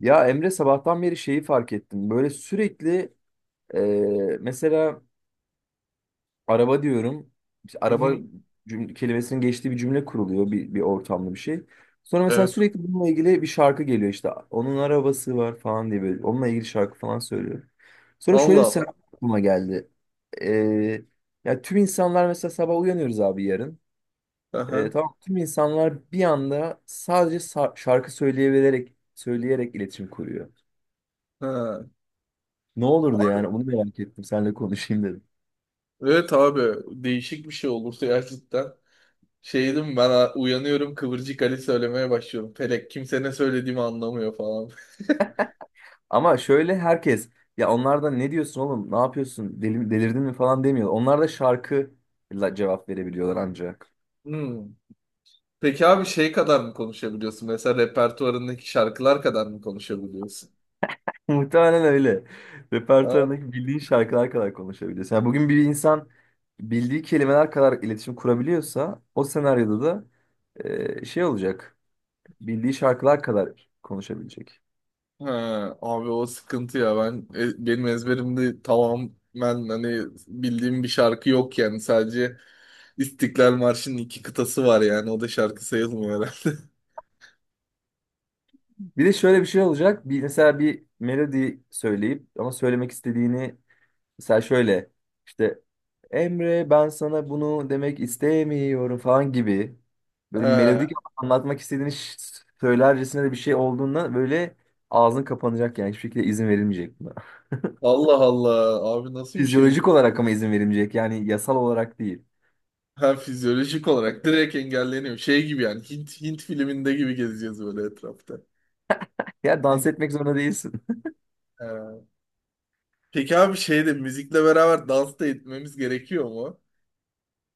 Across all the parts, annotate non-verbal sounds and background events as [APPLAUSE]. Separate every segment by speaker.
Speaker 1: Ya Emre sabahtan beri şeyi fark ettim. Böyle sürekli e, mesela araba diyorum. İşte
Speaker 2: Hı
Speaker 1: araba
Speaker 2: hı.
Speaker 1: cümle, kelimesinin geçtiği bir cümle kuruluyor bir ortamda bir şey. Sonra mesela
Speaker 2: Evet.
Speaker 1: sürekli bununla ilgili bir şarkı geliyor işte. Onun arabası var falan diye böyle. Onunla ilgili şarkı falan söylüyor. Sonra şöyle bir
Speaker 2: Allah Allah.
Speaker 1: senaryo aklıma geldi. E, Ya tüm insanlar mesela sabah uyanıyoruz abi yarın.
Speaker 2: Aha.
Speaker 1: Tamam tüm insanlar bir anda sadece şarkı söyleyerek iletişim kuruyor.
Speaker 2: Ha.
Speaker 1: Ne olurdu
Speaker 2: Abi,
Speaker 1: yani onu merak ettim seninle konuşayım dedim.
Speaker 2: evet abi. Değişik bir şey olursa gerçekten. Şeydim ben uyanıyorum, Kıvırcık Ali söylemeye başlıyorum. Felek kimse ne söylediğimi anlamıyor falan. [LAUGHS]
Speaker 1: Ama şöyle herkes ya onlardan ne diyorsun oğlum ne yapıyorsun delirdin mi falan demiyor. Onlar da şarkıyla cevap verebiliyorlar ancak. [LAUGHS]
Speaker 2: Hmm. Peki abi şey kadar mı konuşabiliyorsun? Mesela repertuarındaki şarkılar kadar mı konuşabiliyorsun?
Speaker 1: Muhtemelen öyle.
Speaker 2: Ha,
Speaker 1: Repertuarındaki bildiğin şarkılar kadar konuşabiliyorsun. Yani bugün bir insan bildiği kelimeler kadar iletişim kurabiliyorsa o senaryoda da şey olacak. Bildiği şarkılar kadar konuşabilecek.
Speaker 2: ha, Abi o sıkıntı ya, ben benim ezberimde tamamen, hani bildiğim bir şarkı yok yani, sadece İstiklal Marşı'nın iki kıtası var yani. O da şarkı sayılmıyor herhalde. [LAUGHS]
Speaker 1: Bir de şöyle bir şey olacak. Mesela bir melodi söyleyip ama söylemek istediğini mesela şöyle işte Emre ben sana bunu demek istemiyorum falan gibi böyle melodik
Speaker 2: Ha,
Speaker 1: anlatmak istediğini söylercesine de bir şey olduğunda böyle ağzın kapanacak yani hiçbir şekilde izin verilmeyecek buna. [LAUGHS]
Speaker 2: Allah Allah. Abi nasıl bir şeymiş?
Speaker 1: Fizyolojik olarak ama izin verilmeyecek yani yasal olarak değil.
Speaker 2: Ha, fizyolojik olarak direkt engelleniyor. Şey gibi yani, Hint filminde gibi gezeceğiz böyle etrafta.
Speaker 1: Ya dans
Speaker 2: Hint-
Speaker 1: etmek zorunda değilsin.
Speaker 2: ha. Peki abi şeyde müzikle beraber dans da etmemiz gerekiyor mu?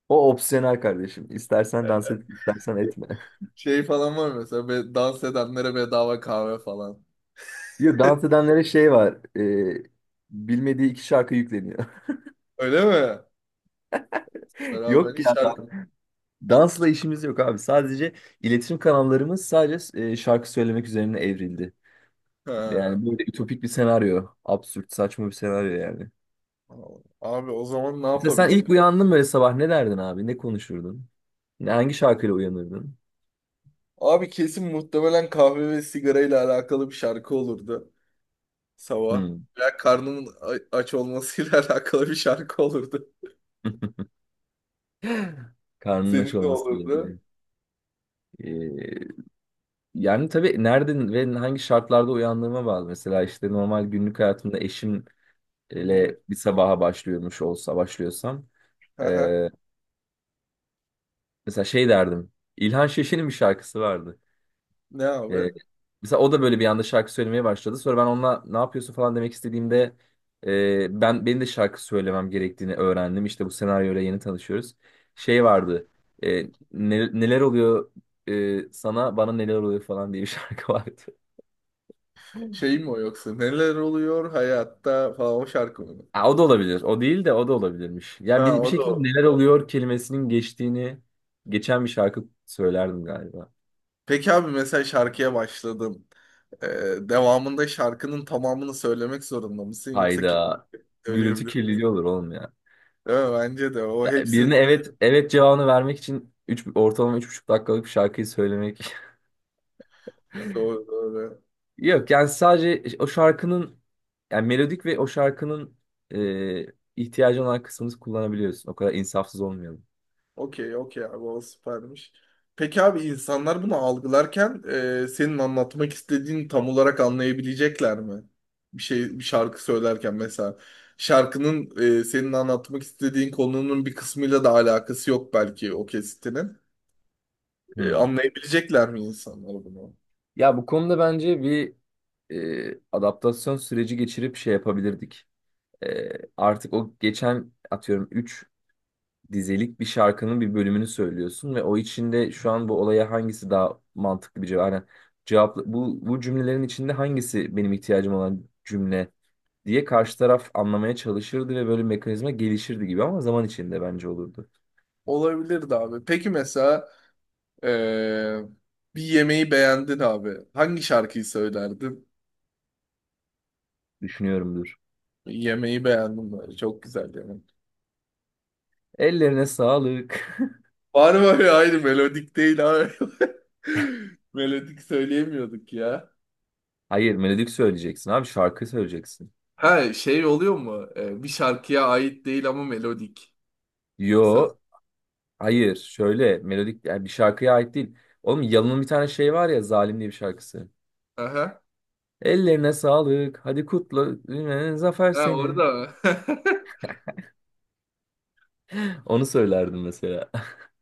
Speaker 1: O opsiyonel kardeşim. İstersen
Speaker 2: E,
Speaker 1: dans
Speaker 2: e,
Speaker 1: et, istersen etme.
Speaker 2: Şey falan var mı mesela, dans edenlere bedava kahve falan.
Speaker 1: [LAUGHS] Yok dans
Speaker 2: [LAUGHS]
Speaker 1: edenlere şey var. Bilmediği iki şarkı yükleniyor.
Speaker 2: Öyle mi?
Speaker 1: [LAUGHS]
Speaker 2: Beraber
Speaker 1: Yok
Speaker 2: hiç
Speaker 1: ya,
Speaker 2: şarkı.
Speaker 1: dansla işimiz yok abi. Sadece iletişim kanallarımız sadece şarkı söylemek üzerine evrildi.
Speaker 2: Ha.
Speaker 1: Yani böyle ütopik bir senaryo. Absürt, saçma bir senaryo yani.
Speaker 2: Abi o zaman ne
Speaker 1: Mesela sen ilk
Speaker 2: yapabiliriz?
Speaker 1: uyandın böyle sabah ne derdin abi? Ne konuşurdun? Hangi şarkıyla uyanırdın?
Speaker 2: Abi kesin muhtemelen kahve ve sigarayla alakalı bir şarkı olurdu sabah.
Speaker 1: Hmm.
Speaker 2: Veya karnının aç olmasıyla [LAUGHS] alakalı bir şarkı olurdu.
Speaker 1: [LAUGHS] Karnının aç
Speaker 2: Senin ne
Speaker 1: olmasıyla
Speaker 2: olurdu?
Speaker 1: ilgili. Ee, Yani tabii nereden ve hangi şartlarda uyandığıma bağlı. Mesela işte normal günlük hayatımda eşimle
Speaker 2: Hı hı.
Speaker 1: bir sabaha başlıyormuş olsa başlıyorsam. e,
Speaker 2: Aha.
Speaker 1: Mesela şey derdim. İlhan Şeşin'in bir şarkısı vardı.
Speaker 2: Ne abi?
Speaker 1: Ee, Mesela o da böyle bir anda şarkı söylemeye başladı. Sonra ben onunla ne yapıyorsun falan demek istediğimde benim de şarkı söylemem gerektiğini öğrendim. İşte bu senaryoyla yeni tanışıyoruz. Şey vardı. e, Neler oluyor sana bana neler oluyor falan diye bir [LAUGHS] şarkı vardı.
Speaker 2: Şey mi o yoksa? Neler oluyor hayatta falan, o şarkı mı?
Speaker 1: Ha, o da olabilir. O değil de o da olabilirmiş.
Speaker 2: Ha,
Speaker 1: Yani bir
Speaker 2: o da o.
Speaker 1: şekilde neler oluyor kelimesinin geçtiğini geçen bir şarkı söylerdim galiba.
Speaker 2: Peki abi mesela şarkıya başladım, devamında şarkının tamamını söylemek zorunda mısın? Yoksa kim
Speaker 1: Hayda. Gürültü
Speaker 2: söyleyebilir?
Speaker 1: kirliliği olur oğlum ya.
Speaker 2: Değil mi? Bence de o
Speaker 1: Ya
Speaker 2: hepsini
Speaker 1: birine evet evet cevabını vermek için ortalama üç buçuk dakikalık bir şarkıyı söylemek.
Speaker 2: söyle. Doğru, doğru.
Speaker 1: [LAUGHS] Yok yani sadece o şarkının yani melodik ve o şarkının e, ihtiyacı olan kısmını kullanabiliyorsun. O kadar insafsız olmayalım.
Speaker 2: Okey okey abi, o süpermiş. Peki abi, insanlar bunu algılarken senin anlatmak istediğini tam olarak anlayabilecekler mi? Bir şey, bir şarkı söylerken mesela, şarkının senin anlatmak istediğin konunun bir kısmıyla da alakası yok belki, o kesitinin.
Speaker 1: Hmm.
Speaker 2: Anlayabilecekler mi insanlar bunu?
Speaker 1: Ya bu konuda bence bir adaptasyon süreci geçirip şey yapabilirdik. E, Artık o geçen atıyorum üç dizelik bir şarkının bir bölümünü söylüyorsun ve o içinde şu an bu olaya hangisi daha mantıklı bir cevap? Yani cevap bu cümlelerin içinde hangisi benim ihtiyacım olan cümle diye karşı taraf anlamaya çalışırdı ve böyle bir mekanizma gelişirdi gibi ama zaman içinde bence olurdu.
Speaker 2: Olabilirdi abi. Peki mesela e, bir yemeği beğendin abi. Hangi şarkıyı söylerdin?
Speaker 1: Düşünüyorumdur.
Speaker 2: Yemeği beğendim böyle. Çok güzel yemek.
Speaker 1: Ellerine sağlık.
Speaker 2: Var mı öyle? Aynı melodik değil abi. [LAUGHS] Melodik söyleyemiyorduk ya.
Speaker 1: [LAUGHS] Hayır, melodik söyleyeceksin abi, şarkı söyleyeceksin.
Speaker 2: Ha, şey oluyor mu? Bir şarkıya ait değil ama melodik. Sa-
Speaker 1: Yo, hayır. Şöyle melodik yani bir şarkıya ait değil. Oğlum Yalın'ın bir tane şey var ya Zalim diye bir şarkısı.
Speaker 2: Aha.
Speaker 1: Ellerine sağlık. Hadi kutla. Zafer
Speaker 2: Ha, orada
Speaker 1: senin.
Speaker 2: mı? [LAUGHS]
Speaker 1: Onu söylerdim mesela.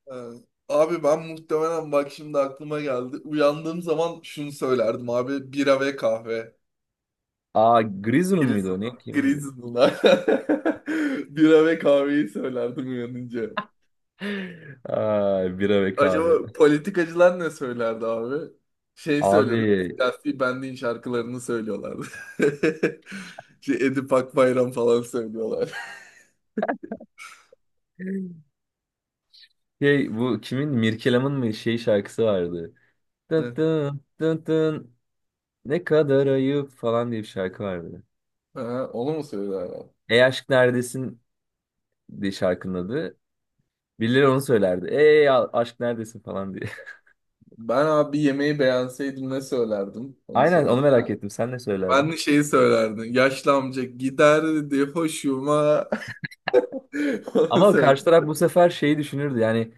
Speaker 2: Ha. Abi ben muhtemelen, bak şimdi aklıma geldi, uyandığım zaman şunu söylerdim abi. Bira ve kahve.
Speaker 1: [LAUGHS] Aa, Grizzly'ın mıydı o?
Speaker 2: Grizzly'lar.
Speaker 1: Ne kimindi?
Speaker 2: Grizzly'lar. [LAUGHS] Bira ve kahveyi söylerdim uyanınca.
Speaker 1: [LAUGHS] Ay bira ve kahve.
Speaker 2: Acaba politikacılar ne söylerdi abi? Şey söylüyordu.
Speaker 1: Abi
Speaker 2: Siyasi Bendi'nin şarkılarını söylüyorlardı. [LAUGHS] Şey, Edip Akbayram falan söylüyorlar. [LAUGHS]
Speaker 1: şey bu kimin Mirkelam'ın mı şey şarkısı vardı. Tın
Speaker 2: Ne?
Speaker 1: tın tın tın ne kadar ayıp falan diye bir şarkı vardı.
Speaker 2: Ha, onu mu söylerler?
Speaker 1: Ey aşk neredesin diye şarkının adı. Birileri onu söylerdi. Ey aşk neredesin falan diye.
Speaker 2: Ben abi yemeği beğenseydim ne söylerdim?
Speaker 1: [LAUGHS]
Speaker 2: Onu
Speaker 1: Aynen
Speaker 2: söyle.
Speaker 1: onu merak ettim. Sen ne
Speaker 2: Ben
Speaker 1: söylerdin?
Speaker 2: de şeyi söylerdim. Yaşlı amca giderdi hoşuma. [LAUGHS] Onu
Speaker 1: Ama
Speaker 2: söylerdim.
Speaker 1: karşı taraf bu sefer şeyi düşünürdü yani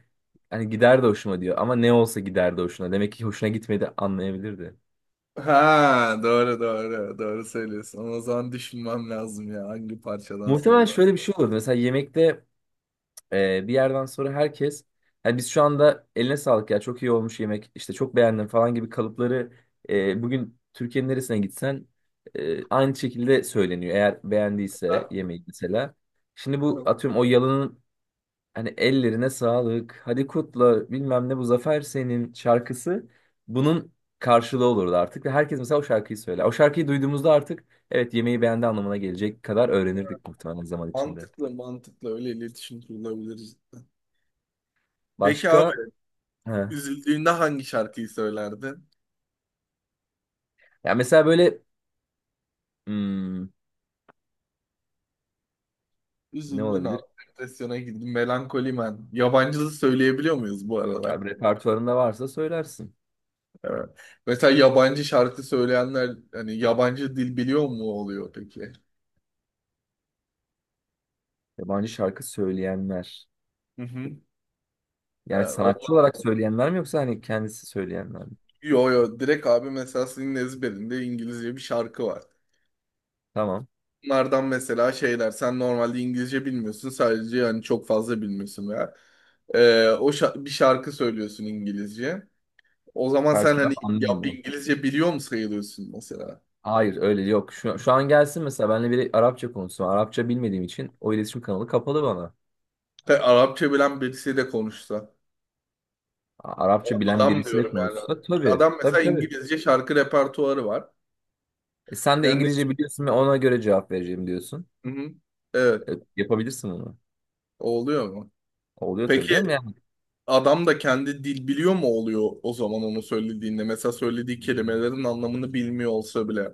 Speaker 1: hani gider de hoşuma diyor ama ne olsa gider de hoşuna. Demek ki hoşuna gitmedi anlayabilirdi.
Speaker 2: Ha, doğru söylüyorsun. Ama o zaman düşünmem lazım ya, hangi parçadan
Speaker 1: Muhtemelen
Speaker 2: söylüyorum.
Speaker 1: şöyle bir şey olurdu. Mesela yemekte bir yerden sonra herkes hani biz şu anda eline sağlık ya çok iyi olmuş yemek işte çok beğendim falan gibi kalıpları bugün Türkiye'nin neresine gitsen aynı şekilde söyleniyor. Eğer
Speaker 2: Ha,
Speaker 1: beğendiyse yemeği mesela. Şimdi bu
Speaker 2: evet.
Speaker 1: atıyorum o yalanın hani ellerine sağlık, hadi kutla bilmem ne bu zafer senin şarkısı bunun karşılığı olurdu artık. Ve herkes mesela o şarkıyı söyler. O şarkıyı duyduğumuzda artık evet yemeği beğendi anlamına gelecek kadar öğrenirdik muhtemelen zaman içinde.
Speaker 2: Mantıklı, mantıklı, öyle iletişim kurulabilir cidden. Peki abi,
Speaker 1: Başka? He.
Speaker 2: üzüldüğünde hangi şarkıyı söylerdin?
Speaker 1: Ya mesela böyle hmm, ne
Speaker 2: Üzüldün
Speaker 1: olabilir?
Speaker 2: abi. Depresyona girdin. Melankoli Man. Yabancı söyleyebiliyor muyuz bu arada?
Speaker 1: Ya bir repertuarında varsa söylersin.
Speaker 2: Evet. Mesela yabancı şarkı söyleyenler hani yabancı dil biliyor mu oluyor peki?
Speaker 1: Yabancı şarkı söyleyenler.
Speaker 2: Hı hı.
Speaker 1: Yani
Speaker 2: Ha,
Speaker 1: sanatçı olarak söyleyenler mi yoksa hani kendisi söyleyenler mi?
Speaker 2: yo direkt abi, mesela senin ezberinde İngilizce bir şarkı var.
Speaker 1: Tamam.
Speaker 2: Bunlardan mesela şeyler, sen normalde İngilizce bilmiyorsun, sadece yani çok fazla bilmiyorsun veya bir şarkı söylüyorsun İngilizce. O zaman
Speaker 1: Karşı
Speaker 2: sen hani,
Speaker 1: taraf
Speaker 2: ya
Speaker 1: anlamıyor.
Speaker 2: İngilizce biliyor mu sayılıyorsun mesela?
Speaker 1: Hayır öyle yok. Şu an gelsin mesela benimle biri Arapça konuşsun. Arapça bilmediğim için o iletişim kanalı kapalı bana.
Speaker 2: Ve Arapça bilen birisi de konuşsa.
Speaker 1: Arapça bilen
Speaker 2: Adam
Speaker 1: birisiyle
Speaker 2: diyorum yani.
Speaker 1: konuşsa tabii.
Speaker 2: Adam
Speaker 1: Tabii
Speaker 2: mesela
Speaker 1: tabii.
Speaker 2: İngilizce şarkı repertuarı var.
Speaker 1: Sen de
Speaker 2: Yani,
Speaker 1: İngilizce biliyorsun ve ona göre cevap vereceğim diyorsun.
Speaker 2: hı hı, evet,
Speaker 1: Yapabilirsin bunu.
Speaker 2: o oluyor mu?
Speaker 1: Oluyor tabii
Speaker 2: Peki,
Speaker 1: canım yani.
Speaker 2: adam da kendi dil biliyor mu oluyor o zaman onu söylediğinde? Mesela söylediği kelimelerin anlamını bilmiyor olsa bile,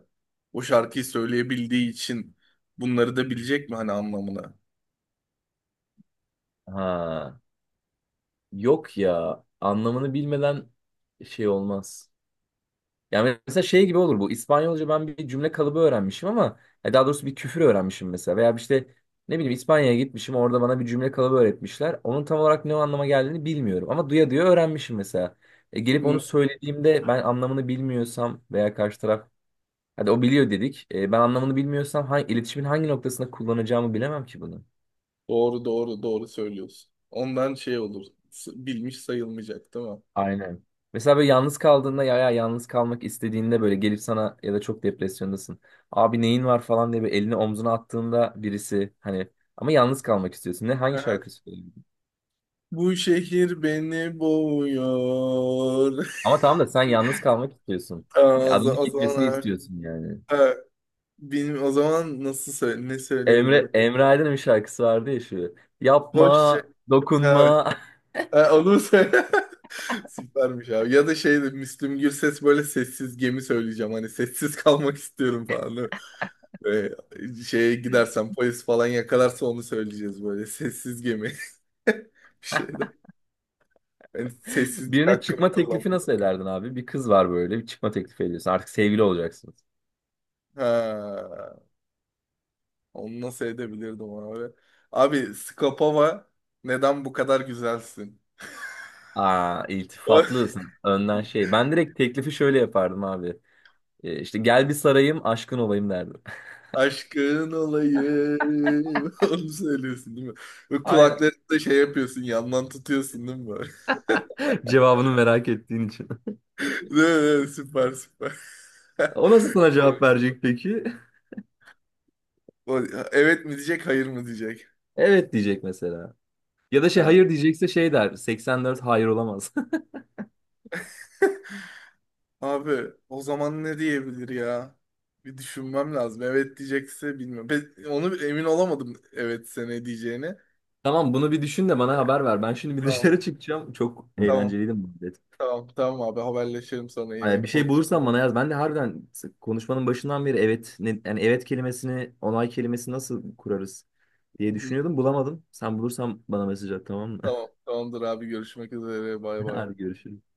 Speaker 2: o şarkıyı söyleyebildiği için bunları da bilecek mi hani, anlamını?
Speaker 1: Ha, yok ya anlamını bilmeden şey olmaz. Yani mesela şey gibi olur bu. İspanyolca ben bir cümle kalıbı öğrenmişim ama daha doğrusu bir küfür öğrenmişim mesela. Veya işte ne bileyim İspanya'ya gitmişim orada bana bir cümle kalıbı öğretmişler. Onun tam olarak ne anlama geldiğini bilmiyorum ama duya duya öğrenmişim mesela. Gelip
Speaker 2: Hı.
Speaker 1: onu söylediğimde ben anlamını bilmiyorsam veya karşı taraf hadi o biliyor dedik. Ben anlamını bilmiyorsam iletişimin hangi noktasında kullanacağımı bilemem ki bunu.
Speaker 2: Doğru söylüyorsun. Ondan şey olur. Bilmiş sayılmayacak değil mi?
Speaker 1: Aynen. Mesela böyle yalnız kaldığında ya yalnız kalmak istediğinde böyle gelip sana ya da çok depresyondasın. Abi neyin var falan diye bir elini omzuna attığında birisi hani ama yalnız kalmak istiyorsun. Hangi
Speaker 2: Aha.
Speaker 1: şarkı söylüyorsun?
Speaker 2: Bu şehir beni boğuyor.
Speaker 1: Ama tamam da sen yalnız kalmak istiyorsun.
Speaker 2: [LAUGHS] Aa,
Speaker 1: Ya adamın
Speaker 2: o
Speaker 1: gitmesini
Speaker 2: zaman evet.
Speaker 1: istiyorsun yani.
Speaker 2: Ha, benim o zaman nasıl söyle ne söyleyebilirim?
Speaker 1: Emre Emre Aydın'ın bir şarkısı vardı ya şu.
Speaker 2: Hoşça.
Speaker 1: Yapma,
Speaker 2: Ha, evet.
Speaker 1: dokunma.
Speaker 2: Ha, onu söyle. [LAUGHS] Süpermiş abi. Ya da şey de, Müslüm Gürses böyle, sessiz gemi söyleyeceğim. Hani sessiz kalmak istiyorum falan. Böyle, şeye gidersen, polis falan yakalarsa onu söyleyeceğiz böyle. Sessiz gemi. [LAUGHS] Bir şey de. Yani
Speaker 1: [LAUGHS]
Speaker 2: sessizlik
Speaker 1: Birine
Speaker 2: hakkımı
Speaker 1: çıkma teklifi
Speaker 2: kullandım.
Speaker 1: nasıl ederdin abi? Bir kız var böyle bir çıkma teklifi ediyorsun. Artık sevgili olacaksınız.
Speaker 2: Ha. Onu nasıl edebilirdim abi? Abi Skopova neden bu kadar güzelsin?
Speaker 1: Aa,
Speaker 2: O- [LAUGHS]
Speaker 1: iltifatlısın. Önden şey. Ben direkt teklifi şöyle yapardım abi. İşte gel bir sarayım, aşkın olayım derdim.
Speaker 2: Aşkın olayım. [LAUGHS] Onu söylüyorsun değil mi? Ve
Speaker 1: [LAUGHS] Aynen.
Speaker 2: kulaklarında şey yapıyorsun, yandan tutuyorsun değil mi böyle?
Speaker 1: Cevabını merak ettiğin için. [LAUGHS]
Speaker 2: [LAUGHS] Değil mi? Süper, süper.
Speaker 1: O nasıl sana cevap verecek peki? [LAUGHS]
Speaker 2: [LAUGHS] o- Evet mi diyecek, hayır mı diyecek?
Speaker 1: Evet diyecek mesela. Ya da şey
Speaker 2: Ha.
Speaker 1: hayır diyecekse şey der. 84 hayır olamaz.
Speaker 2: Abi o zaman ne diyebilir ya? Bir düşünmem lazım. Evet diyecekse bilmiyorum. Ben onu emin olamadım evet sene diyeceğini.
Speaker 1: [LAUGHS] Tamam bunu bir düşün de bana haber ver. Ben şimdi bir
Speaker 2: Tamam.
Speaker 1: dışarı çıkacağım. Çok
Speaker 2: Tamam.
Speaker 1: eğlenceliydi bu.
Speaker 2: Tamam abi, haberleşelim sana
Speaker 1: Ay,
Speaker 2: yine.
Speaker 1: bir şey bulursan bana yaz. Ben de harbiden konuşmanın başından beri evet ne, yani evet kelimesini, onay kelimesini nasıl kurarız
Speaker 2: Hı
Speaker 1: diye
Speaker 2: hı.
Speaker 1: düşünüyordum. Bulamadım. Sen bulursan bana mesaj at tamam mı?
Speaker 2: Tamam, tamamdır abi, görüşmek üzere, bay
Speaker 1: [LAUGHS]
Speaker 2: bay.
Speaker 1: Hadi görüşürüz.